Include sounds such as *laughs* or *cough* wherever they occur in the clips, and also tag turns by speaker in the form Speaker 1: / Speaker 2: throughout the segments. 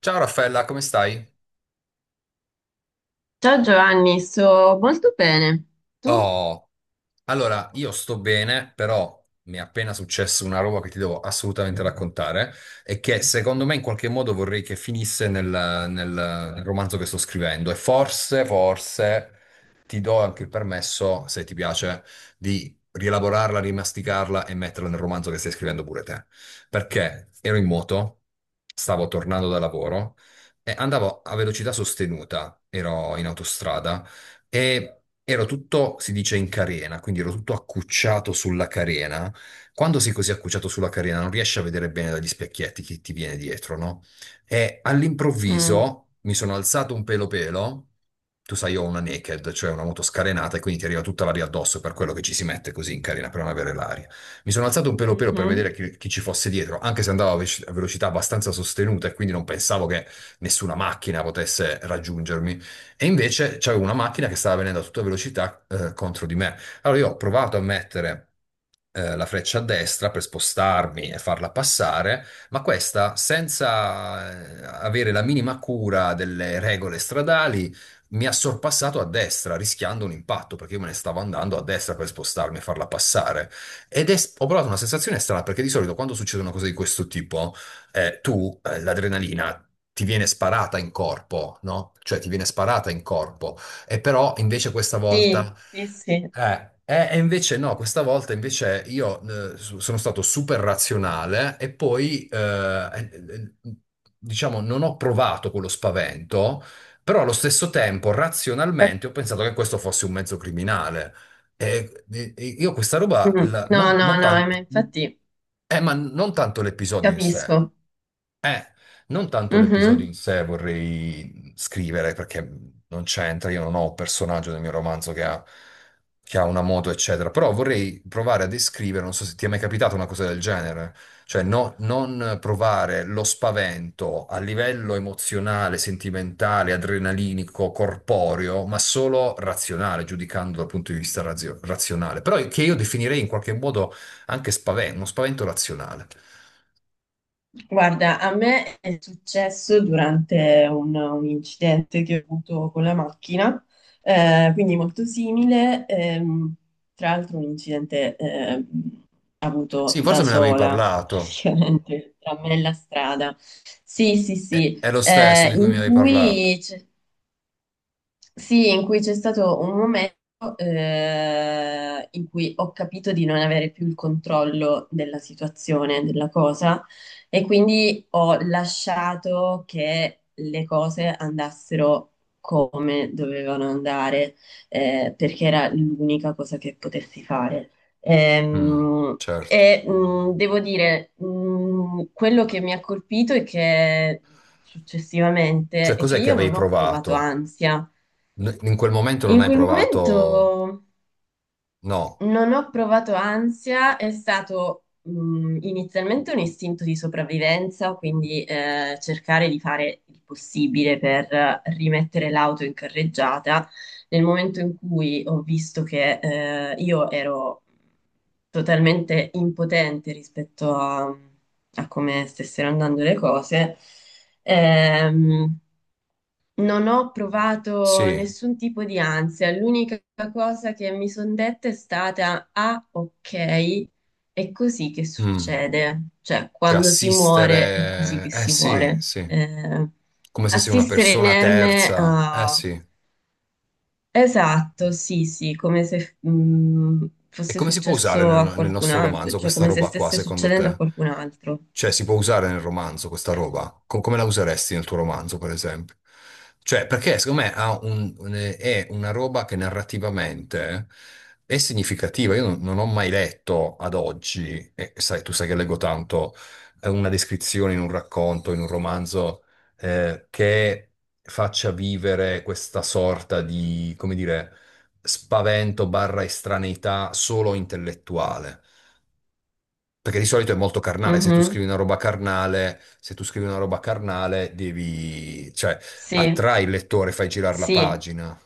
Speaker 1: Ciao Raffaella, come stai?
Speaker 2: Ciao Giovanni, sto molto bene. Tu?
Speaker 1: Oh, allora io sto bene, però mi è appena successo una roba che ti devo assolutamente raccontare e che secondo me in qualche modo vorrei che finisse nel romanzo che sto scrivendo e forse ti do anche il permesso, se ti piace, di rielaborarla, rimasticarla e metterla nel romanzo che stai scrivendo pure te. Perché ero in moto, stavo tornando da lavoro e andavo a velocità sostenuta, ero in autostrada. E ero tutto, si dice, in carena, quindi ero tutto accucciato sulla carena. Quando sei così accucciato sulla carena non riesci a vedere bene dagli specchietti che ti viene dietro, no? E
Speaker 2: Mm,
Speaker 1: all'improvviso mi sono alzato un pelo pelo. Tu sai, io ho una naked, cioè una moto scarenata, e quindi ti arriva tutta l'aria addosso, per quello che ci si mette così in carena per non avere l'aria. Mi sono alzato un pelo pelo per
Speaker 2: mhm.
Speaker 1: vedere chi ci fosse dietro, anche se andavo a velocità abbastanza sostenuta e quindi non pensavo che nessuna macchina potesse raggiungermi. E invece c'avevo una macchina che stava venendo a tutta velocità contro di me. Allora io ho provato a mettere la freccia a destra per spostarmi e farla passare, ma questa, senza avere la minima cura delle regole stradali, mi ha sorpassato a destra, rischiando un impatto, perché io me ne stavo andando a destra per spostarmi e farla passare. Ho provato una sensazione strana, perché di solito quando succede una cosa di questo tipo, tu l'adrenalina ti viene sparata in corpo, no? Cioè ti viene sparata in corpo. E però invece questa volta.
Speaker 2: Sì, sì, sì.
Speaker 1: E invece no, questa volta invece io sono stato super razionale e poi, eh, eh, diciamo, non ho provato quello spavento, però allo stesso tempo razionalmente ho pensato che questo fosse un mezzo criminale. E io questa roba,
Speaker 2: Mm,
Speaker 1: la-
Speaker 2: no,
Speaker 1: non,
Speaker 2: no,
Speaker 1: non
Speaker 2: no,
Speaker 1: tan-
Speaker 2: ma infatti
Speaker 1: ma non tanto l'episodio in sé.
Speaker 2: capisco.
Speaker 1: Eh, Non tanto l'episodio
Speaker 2: Mhm.
Speaker 1: in sé vorrei scrivere perché non c'entra, io non ho un personaggio nel mio romanzo che ha una moto, eccetera, però vorrei provare a descrivere, non so se ti è mai capitata una cosa del genere, cioè non provare lo spavento a livello emozionale, sentimentale, adrenalinico, corporeo, ma solo razionale, giudicando dal punto di vista razionale, però che io definirei in qualche modo anche spavento, uno spavento razionale.
Speaker 2: Guarda, a me è successo durante un incidente che ho avuto con la macchina, quindi molto simile, tra l'altro un incidente avuto
Speaker 1: Sì,
Speaker 2: da
Speaker 1: forse me ne avevi
Speaker 2: sola,
Speaker 1: parlato.
Speaker 2: praticamente, tra me e la strada. Sì, sì,
Speaker 1: è
Speaker 2: sì,
Speaker 1: è lo stesso di cui mi
Speaker 2: in
Speaker 1: avevi parlato.
Speaker 2: cui c'è sì, in cui c'è stato un momento in cui ho capito di non avere più il controllo della situazione, della cosa, e quindi ho lasciato che le cose andassero come dovevano andare, perché era l'unica cosa che potessi fare.
Speaker 1: Mm, certo.
Speaker 2: Devo dire, quello che mi ha colpito è che successivamente
Speaker 1: Cioè,
Speaker 2: è che
Speaker 1: cos'è che
Speaker 2: io
Speaker 1: avevi
Speaker 2: non ho provato
Speaker 1: provato?
Speaker 2: ansia.
Speaker 1: In quel momento non
Speaker 2: In
Speaker 1: hai
Speaker 2: quel
Speaker 1: provato.
Speaker 2: momento
Speaker 1: No,
Speaker 2: non ho provato ansia, è stato inizialmente un istinto di sopravvivenza, quindi cercare di fare il possibile per rimettere l'auto in carreggiata. Nel momento in cui ho visto che io ero totalmente impotente rispetto a, a come stessero andando le cose, ehm, non ho provato
Speaker 1: sì.
Speaker 2: nessun tipo di ansia, l'unica cosa che mi sono detta è stata, ah, ok, è così che
Speaker 1: Mm.
Speaker 2: succede, cioè
Speaker 1: Cioè,
Speaker 2: quando si muore è così
Speaker 1: assistere.
Speaker 2: che
Speaker 1: Eh
Speaker 2: si
Speaker 1: sì,
Speaker 2: muore.
Speaker 1: sì. Come se sei una
Speaker 2: Assistere
Speaker 1: persona
Speaker 2: inerme
Speaker 1: terza. Eh
Speaker 2: a...
Speaker 1: sì.
Speaker 2: Esatto, sì, sì, come se
Speaker 1: E
Speaker 2: fosse
Speaker 1: come si può usare
Speaker 2: successo
Speaker 1: nel,
Speaker 2: a
Speaker 1: nel
Speaker 2: qualcun
Speaker 1: nostro
Speaker 2: altro,
Speaker 1: romanzo
Speaker 2: cioè
Speaker 1: questa
Speaker 2: come se
Speaker 1: roba qua,
Speaker 2: stesse
Speaker 1: secondo
Speaker 2: succedendo a
Speaker 1: te?
Speaker 2: qualcun altro.
Speaker 1: Cioè, si può usare nel romanzo questa roba? Come la useresti nel tuo romanzo, per esempio? Cioè, perché secondo me ha è una roba che narrativamente è significativa. Io non ho mai letto ad oggi, e sai, tu sai che leggo tanto, una descrizione in un racconto, in un romanzo, che faccia vivere questa sorta di, come dire spavento barra estraneità solo intellettuale. Perché di solito è molto carnale, se tu scrivi
Speaker 2: Mhm,
Speaker 1: una roba carnale, se tu scrivi una roba carnale, devi, cioè,
Speaker 2: sì,
Speaker 1: attrai il lettore, fai girare la
Speaker 2: sì.
Speaker 1: pagina.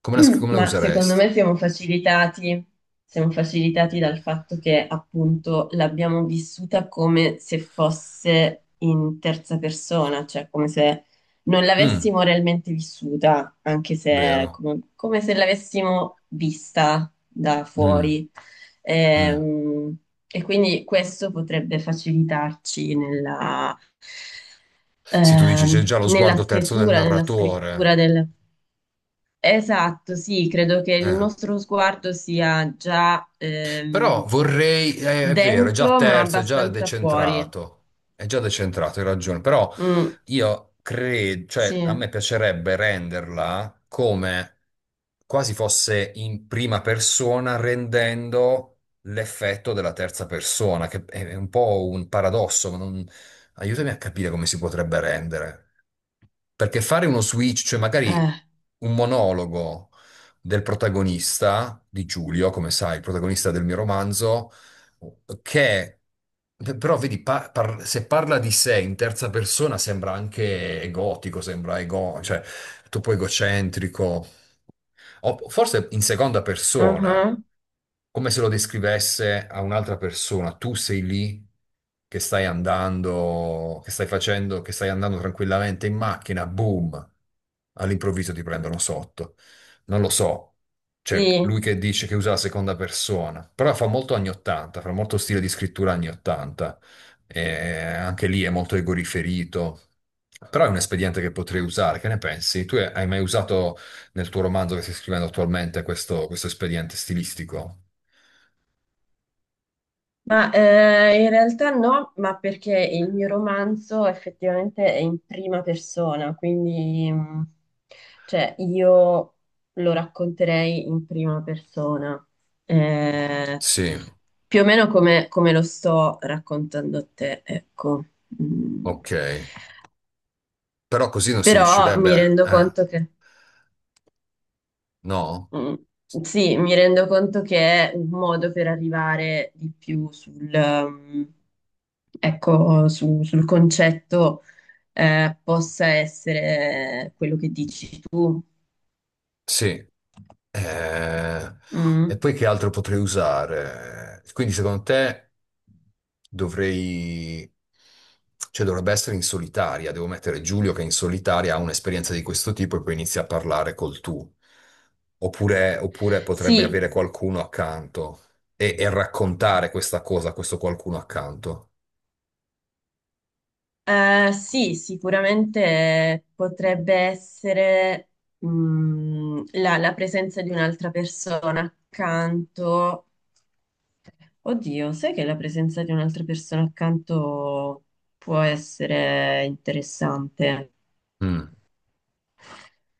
Speaker 1: Come la
Speaker 2: Ma secondo
Speaker 1: useresti?
Speaker 2: me siamo facilitati dal fatto che appunto l'abbiamo vissuta come se fosse in terza persona, cioè come se non
Speaker 1: Mm,
Speaker 2: l'avessimo realmente vissuta, anche se
Speaker 1: vero.
Speaker 2: come, come se l'avessimo vista da
Speaker 1: Mm,
Speaker 2: fuori.
Speaker 1: mm.
Speaker 2: Ehm, e quindi questo potrebbe facilitarci nella
Speaker 1: Sì, tu dici c'è già lo
Speaker 2: nella
Speaker 1: sguardo terzo del
Speaker 2: stesura, nella scrittura
Speaker 1: narratore.
Speaker 2: del... Esatto, sì, credo che il
Speaker 1: Eh.
Speaker 2: nostro sguardo sia già
Speaker 1: Però vorrei, è vero, è già
Speaker 2: dentro, ma
Speaker 1: terzo,
Speaker 2: abbastanza fuori.
Speaker 1: è già decentrato, hai ragione, però
Speaker 2: Mm,
Speaker 1: io credo,
Speaker 2: sì,
Speaker 1: cioè a me piacerebbe renderla come quasi fosse in prima persona, rendendo l'effetto della terza persona, che è un po' un paradosso, ma non. Aiutami a capire come si potrebbe rendere. Perché fare uno switch, cioè magari
Speaker 2: eh,
Speaker 1: un monologo del protagonista di Giulio, come sai, il protagonista del mio romanzo, che però vedi, se parla di sé in terza persona sembra anche egotico, sembra ego, cioè troppo egocentrico. O forse in seconda persona,
Speaker 2: uh-huh,
Speaker 1: come se lo descrivesse a un'altra persona. Tu sei lì che stai andando, che stai facendo, che stai andando tranquillamente in macchina, boom, all'improvviso ti prendono sotto. Non lo so. Cioè, lui
Speaker 2: sì.
Speaker 1: che dice che usa la seconda persona, però fa molto anni 80, fa molto stile di scrittura anni 80. E anche lì è molto egoriferito. Però è un espediente che potrei usare, che ne pensi? Tu hai mai usato nel tuo romanzo che stai scrivendo attualmente questo espediente stilistico.
Speaker 2: Ma in realtà no, ma perché il mio romanzo effettivamente è in prima persona, quindi cioè, io lo racconterei in prima persona, eh,
Speaker 1: Sì,
Speaker 2: più o meno come, come lo sto raccontando a te, ecco. Mm.
Speaker 1: ok. Però così non si
Speaker 2: Però
Speaker 1: riuscirebbe,
Speaker 2: mi
Speaker 1: a.
Speaker 2: rendo
Speaker 1: Eh?
Speaker 2: conto che,
Speaker 1: No?
Speaker 2: mm, sì, mi rendo conto che è un modo per arrivare di più sul... mm, ecco, sul concetto possa essere quello che dici tu.
Speaker 1: Sì. Eh, E
Speaker 2: Mm.
Speaker 1: poi che altro potrei usare? Quindi secondo te dovrei. Cioè dovrebbe essere in solitaria, devo mettere Giulio che in solitaria ha un'esperienza di questo tipo e poi inizia a parlare col tu. Oppure, oppure potrebbe
Speaker 2: Sì,
Speaker 1: avere qualcuno accanto e raccontare questa cosa a questo qualcuno accanto.
Speaker 2: sì, sicuramente potrebbe essere la presenza di un'altra persona accanto. Oddio, sai che la presenza di un'altra persona accanto può essere interessante?
Speaker 1: Mm.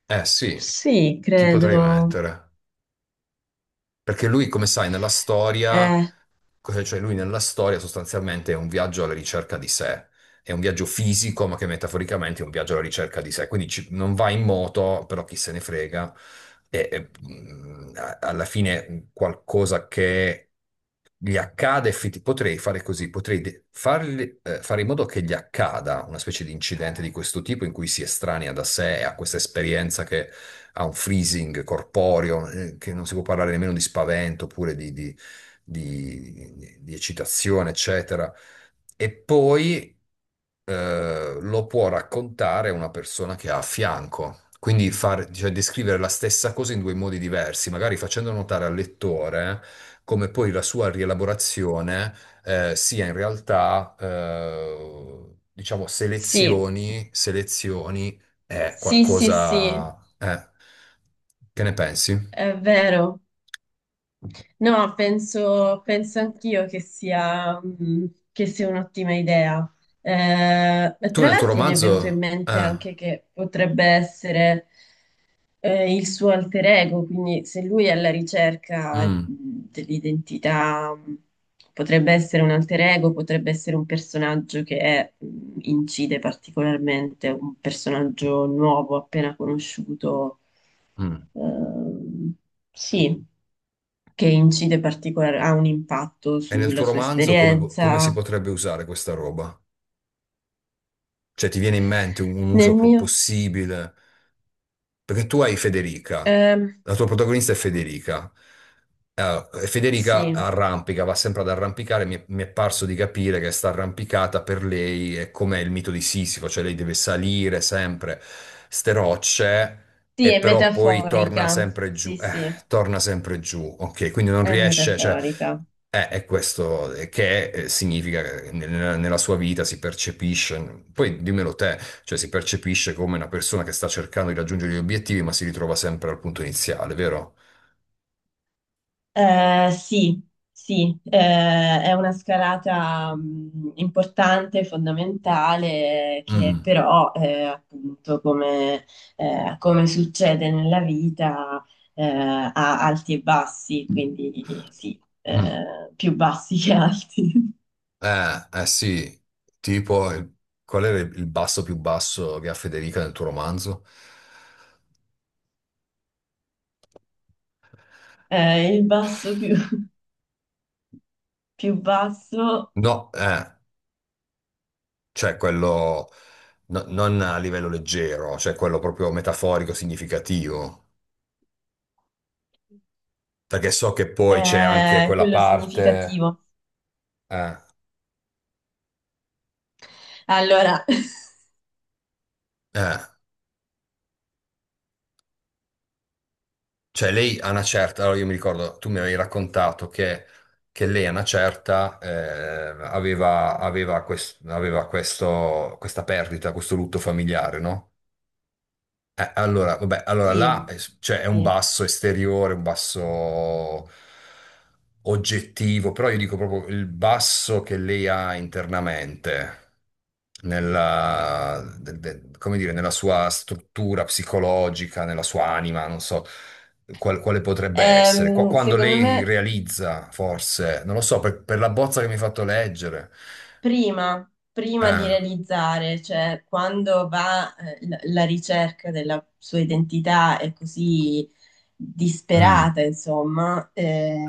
Speaker 1: Eh sì,
Speaker 2: Sì,
Speaker 1: chi potrei
Speaker 2: credo.
Speaker 1: mettere? Perché lui, come sai, nella storia,
Speaker 2: Eh,
Speaker 1: cioè lui nella storia sostanzialmente è un viaggio alla ricerca di sé, è un viaggio fisico, ma che metaforicamente è un viaggio alla ricerca di sé, quindi non va in moto, però chi se ne frega, alla fine qualcosa che gli accade, potrei fare così, fare in modo che gli accada una specie di incidente di questo tipo in cui si estranea da sé, ha questa esperienza che ha un freezing corporeo, che non si può parlare nemmeno di spavento oppure di eccitazione, eccetera. E poi lo può raccontare una persona che ha a fianco. Quindi cioè, descrivere la stessa cosa in due modi diversi, magari facendo notare al lettore come poi la sua rielaborazione sia in realtà, diciamo,
Speaker 2: Sì,
Speaker 1: selezioni è
Speaker 2: sì, sì, sì,
Speaker 1: qualcosa. Eh. Che ne pensi?
Speaker 2: è vero. No, penso, penso anch'io che sia, che sia un'ottima idea.
Speaker 1: Tu
Speaker 2: Tra
Speaker 1: nel tuo
Speaker 2: l'altro mi è venuto in
Speaker 1: romanzo.
Speaker 2: mente anche che potrebbe essere, il suo alter ego, quindi se lui è alla ricerca
Speaker 1: Mm,
Speaker 2: dell'identità, potrebbe essere un alter ego, potrebbe essere un personaggio che è, incide particolarmente, un personaggio nuovo, appena conosciuto,
Speaker 1: mm.
Speaker 2: ehm, sì, che incide particolare, ha un impatto
Speaker 1: E nel
Speaker 2: sulla
Speaker 1: tuo
Speaker 2: sua
Speaker 1: romanzo come come si
Speaker 2: esperienza.
Speaker 1: potrebbe usare questa roba? Cioè, ti viene in mente un
Speaker 2: Nel mio,
Speaker 1: possibile? Perché tu hai Federica,
Speaker 2: ehm,
Speaker 1: la tua protagonista è Federica. E Federica
Speaker 2: sì,
Speaker 1: arrampica, va sempre ad arrampicare. Mi è parso di capire che sta arrampicata per lei è come il mito di Sisifo, cioè lei deve salire sempre ste rocce
Speaker 2: sì,
Speaker 1: e
Speaker 2: è
Speaker 1: però poi
Speaker 2: metaforica, sì, sì,
Speaker 1: torna sempre giù, ok? Quindi non
Speaker 2: è
Speaker 1: riesce, cioè,
Speaker 2: metaforica.
Speaker 1: è questo che significa che nella sua vita si percepisce, poi dimmelo te, cioè si percepisce come una persona che sta cercando di raggiungere gli obiettivi ma si ritrova sempre al punto iniziale, vero?
Speaker 2: Sì, sì, è una scalata importante, fondamentale, che
Speaker 1: Mm,
Speaker 2: però, appunto, come, come succede nella vita, ha alti e bassi, quindi sì,
Speaker 1: mm.
Speaker 2: più bassi che alti. *laughs*
Speaker 1: Eh sì, tipo, qual era il basso più basso che ha Federica nel tuo romanzo?
Speaker 2: Il basso più, più basso
Speaker 1: No, cioè quello non a livello leggero, cioè quello proprio metaforico, significativo. Perché so che poi c'è anche
Speaker 2: è
Speaker 1: quella
Speaker 2: quello
Speaker 1: parte,
Speaker 2: significativo.
Speaker 1: eh,
Speaker 2: Allora, *laughs*
Speaker 1: eh, cioè lei a una certa, allora io mi ricordo, tu mi avevi raccontato che lei a una certa aveva, aveva, quest- aveva questo, questa perdita, questo lutto familiare, no? Allora, vabbè, allora là
Speaker 2: sì,
Speaker 1: cioè, è un
Speaker 2: sì.
Speaker 1: basso esteriore, un basso oggettivo, però io dico proprio il basso che lei ha internamente, come dire, nella sua struttura psicologica, nella sua anima, non so quale potrebbe essere. Quando
Speaker 2: Secondo
Speaker 1: lei
Speaker 2: me
Speaker 1: realizza, forse, non lo so, per la bozza che mi hai fatto leggere.
Speaker 2: prima, prima di
Speaker 1: Eh.
Speaker 2: realizzare, cioè quando va la ricerca della sua identità è così
Speaker 1: Mm,
Speaker 2: disperata, insomma,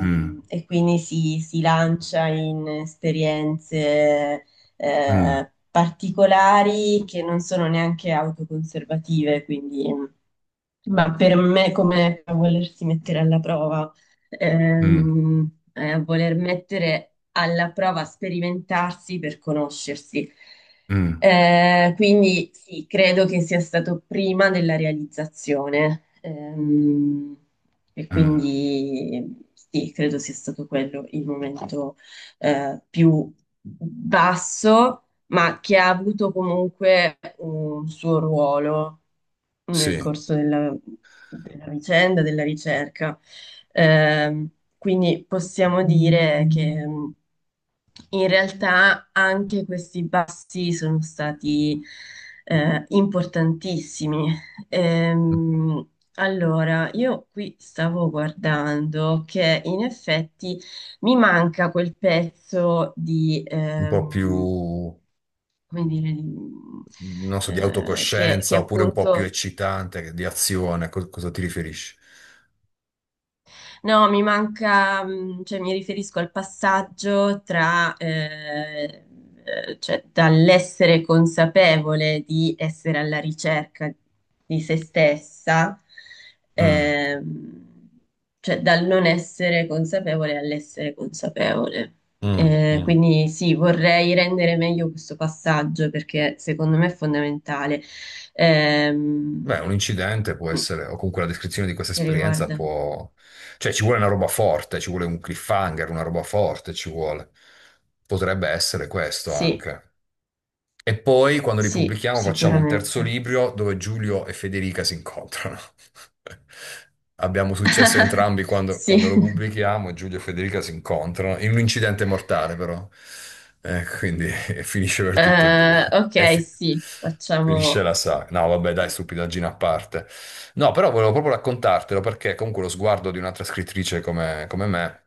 Speaker 1: mm,
Speaker 2: e quindi si lancia in esperienze
Speaker 1: mm,
Speaker 2: particolari che non sono neanche autoconservative, quindi... ma per me come a volersi mettere alla prova,
Speaker 1: mm,
Speaker 2: ehm, è a voler mettere alla prova, sperimentarsi per conoscersi.
Speaker 1: mm, mm.
Speaker 2: Quindi sì, credo che sia stato prima della realizzazione. E
Speaker 1: Mm.
Speaker 2: quindi sì, credo sia stato quello il momento più basso, ma che ha avuto comunque un suo ruolo nel
Speaker 1: Sì,
Speaker 2: corso della, della vicenda, della ricerca. Ehm, quindi possiamo dire che in realtà anche questi passi sono stati importantissimi. Ehm, allora, io qui stavo guardando che in effetti mi manca quel pezzo di,
Speaker 1: un po' più,
Speaker 2: come dire, di,
Speaker 1: non so, di
Speaker 2: che
Speaker 1: autocoscienza oppure un po' più
Speaker 2: appunto...
Speaker 1: eccitante, di azione, cosa ti riferisci?
Speaker 2: No, mi manca, cioè mi riferisco al passaggio tra, cioè dall'essere consapevole di essere alla ricerca di se stessa,
Speaker 1: Mm,
Speaker 2: ehm, cioè dal non essere consapevole all'essere consapevole.
Speaker 1: mm, mm.
Speaker 2: Quindi sì, vorrei rendere meglio questo passaggio perché secondo me è fondamentale. Ehm,
Speaker 1: Beh, un incidente può
Speaker 2: mm,
Speaker 1: essere, o comunque la descrizione di questa
Speaker 2: che
Speaker 1: esperienza
Speaker 2: riguarda?
Speaker 1: può. Cioè, ci vuole una roba forte, ci vuole un cliffhanger, una roba forte, ci vuole. Potrebbe essere questo
Speaker 2: Sì.
Speaker 1: anche. E poi quando li
Speaker 2: Sì,
Speaker 1: pubblichiamo facciamo un terzo
Speaker 2: sicuramente.
Speaker 1: libro dove Giulio e Federica si incontrano. *laughs* Abbiamo successo
Speaker 2: *laughs*
Speaker 1: entrambi quando lo
Speaker 2: Sì.
Speaker 1: pubblichiamo, Giulio e Federica si incontrano in un incidente mortale però. Quindi *laughs* finisce per tutte e due. E
Speaker 2: Ok,
Speaker 1: fi-
Speaker 2: sì,
Speaker 1: Finisce
Speaker 2: facciamo.
Speaker 1: la saga. No, vabbè, dai, stupidaggine a parte. No, però volevo proprio raccontartelo perché comunque lo sguardo di un'altra scrittrice come me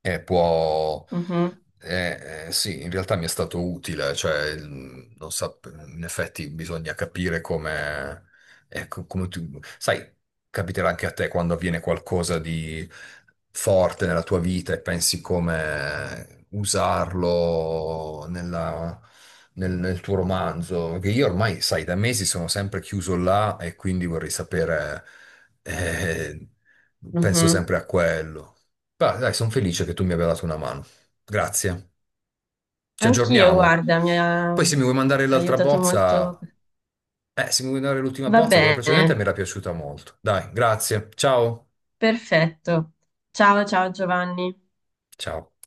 Speaker 1: può.
Speaker 2: Mhm,
Speaker 1: Eh, sì, in realtà mi è stato utile, cioè, il- non sap- in effetti bisogna capire come, ecco, come tu, sai, capiterà anche a te quando avviene qualcosa di forte nella tua vita e pensi come usarlo nel tuo romanzo, che io ormai, sai, da mesi sono sempre chiuso là e quindi vorrei sapere, eh, penso
Speaker 2: mhm.
Speaker 1: sempre a quello. Beh, dai, sono felice che tu mi abbia dato una mano. Grazie, ci
Speaker 2: Anch'io,
Speaker 1: aggiorniamo.
Speaker 2: guarda, mi ha
Speaker 1: Poi se mi vuoi mandare l'altra
Speaker 2: aiutato molto.
Speaker 1: bozza, se mi vuoi mandare l'ultima
Speaker 2: Va
Speaker 1: bozza, quella precedente mi
Speaker 2: bene,
Speaker 1: era piaciuta molto. Dai, grazie. Ciao.
Speaker 2: perfetto. Ciao, ciao Giovanni.
Speaker 1: Ciao.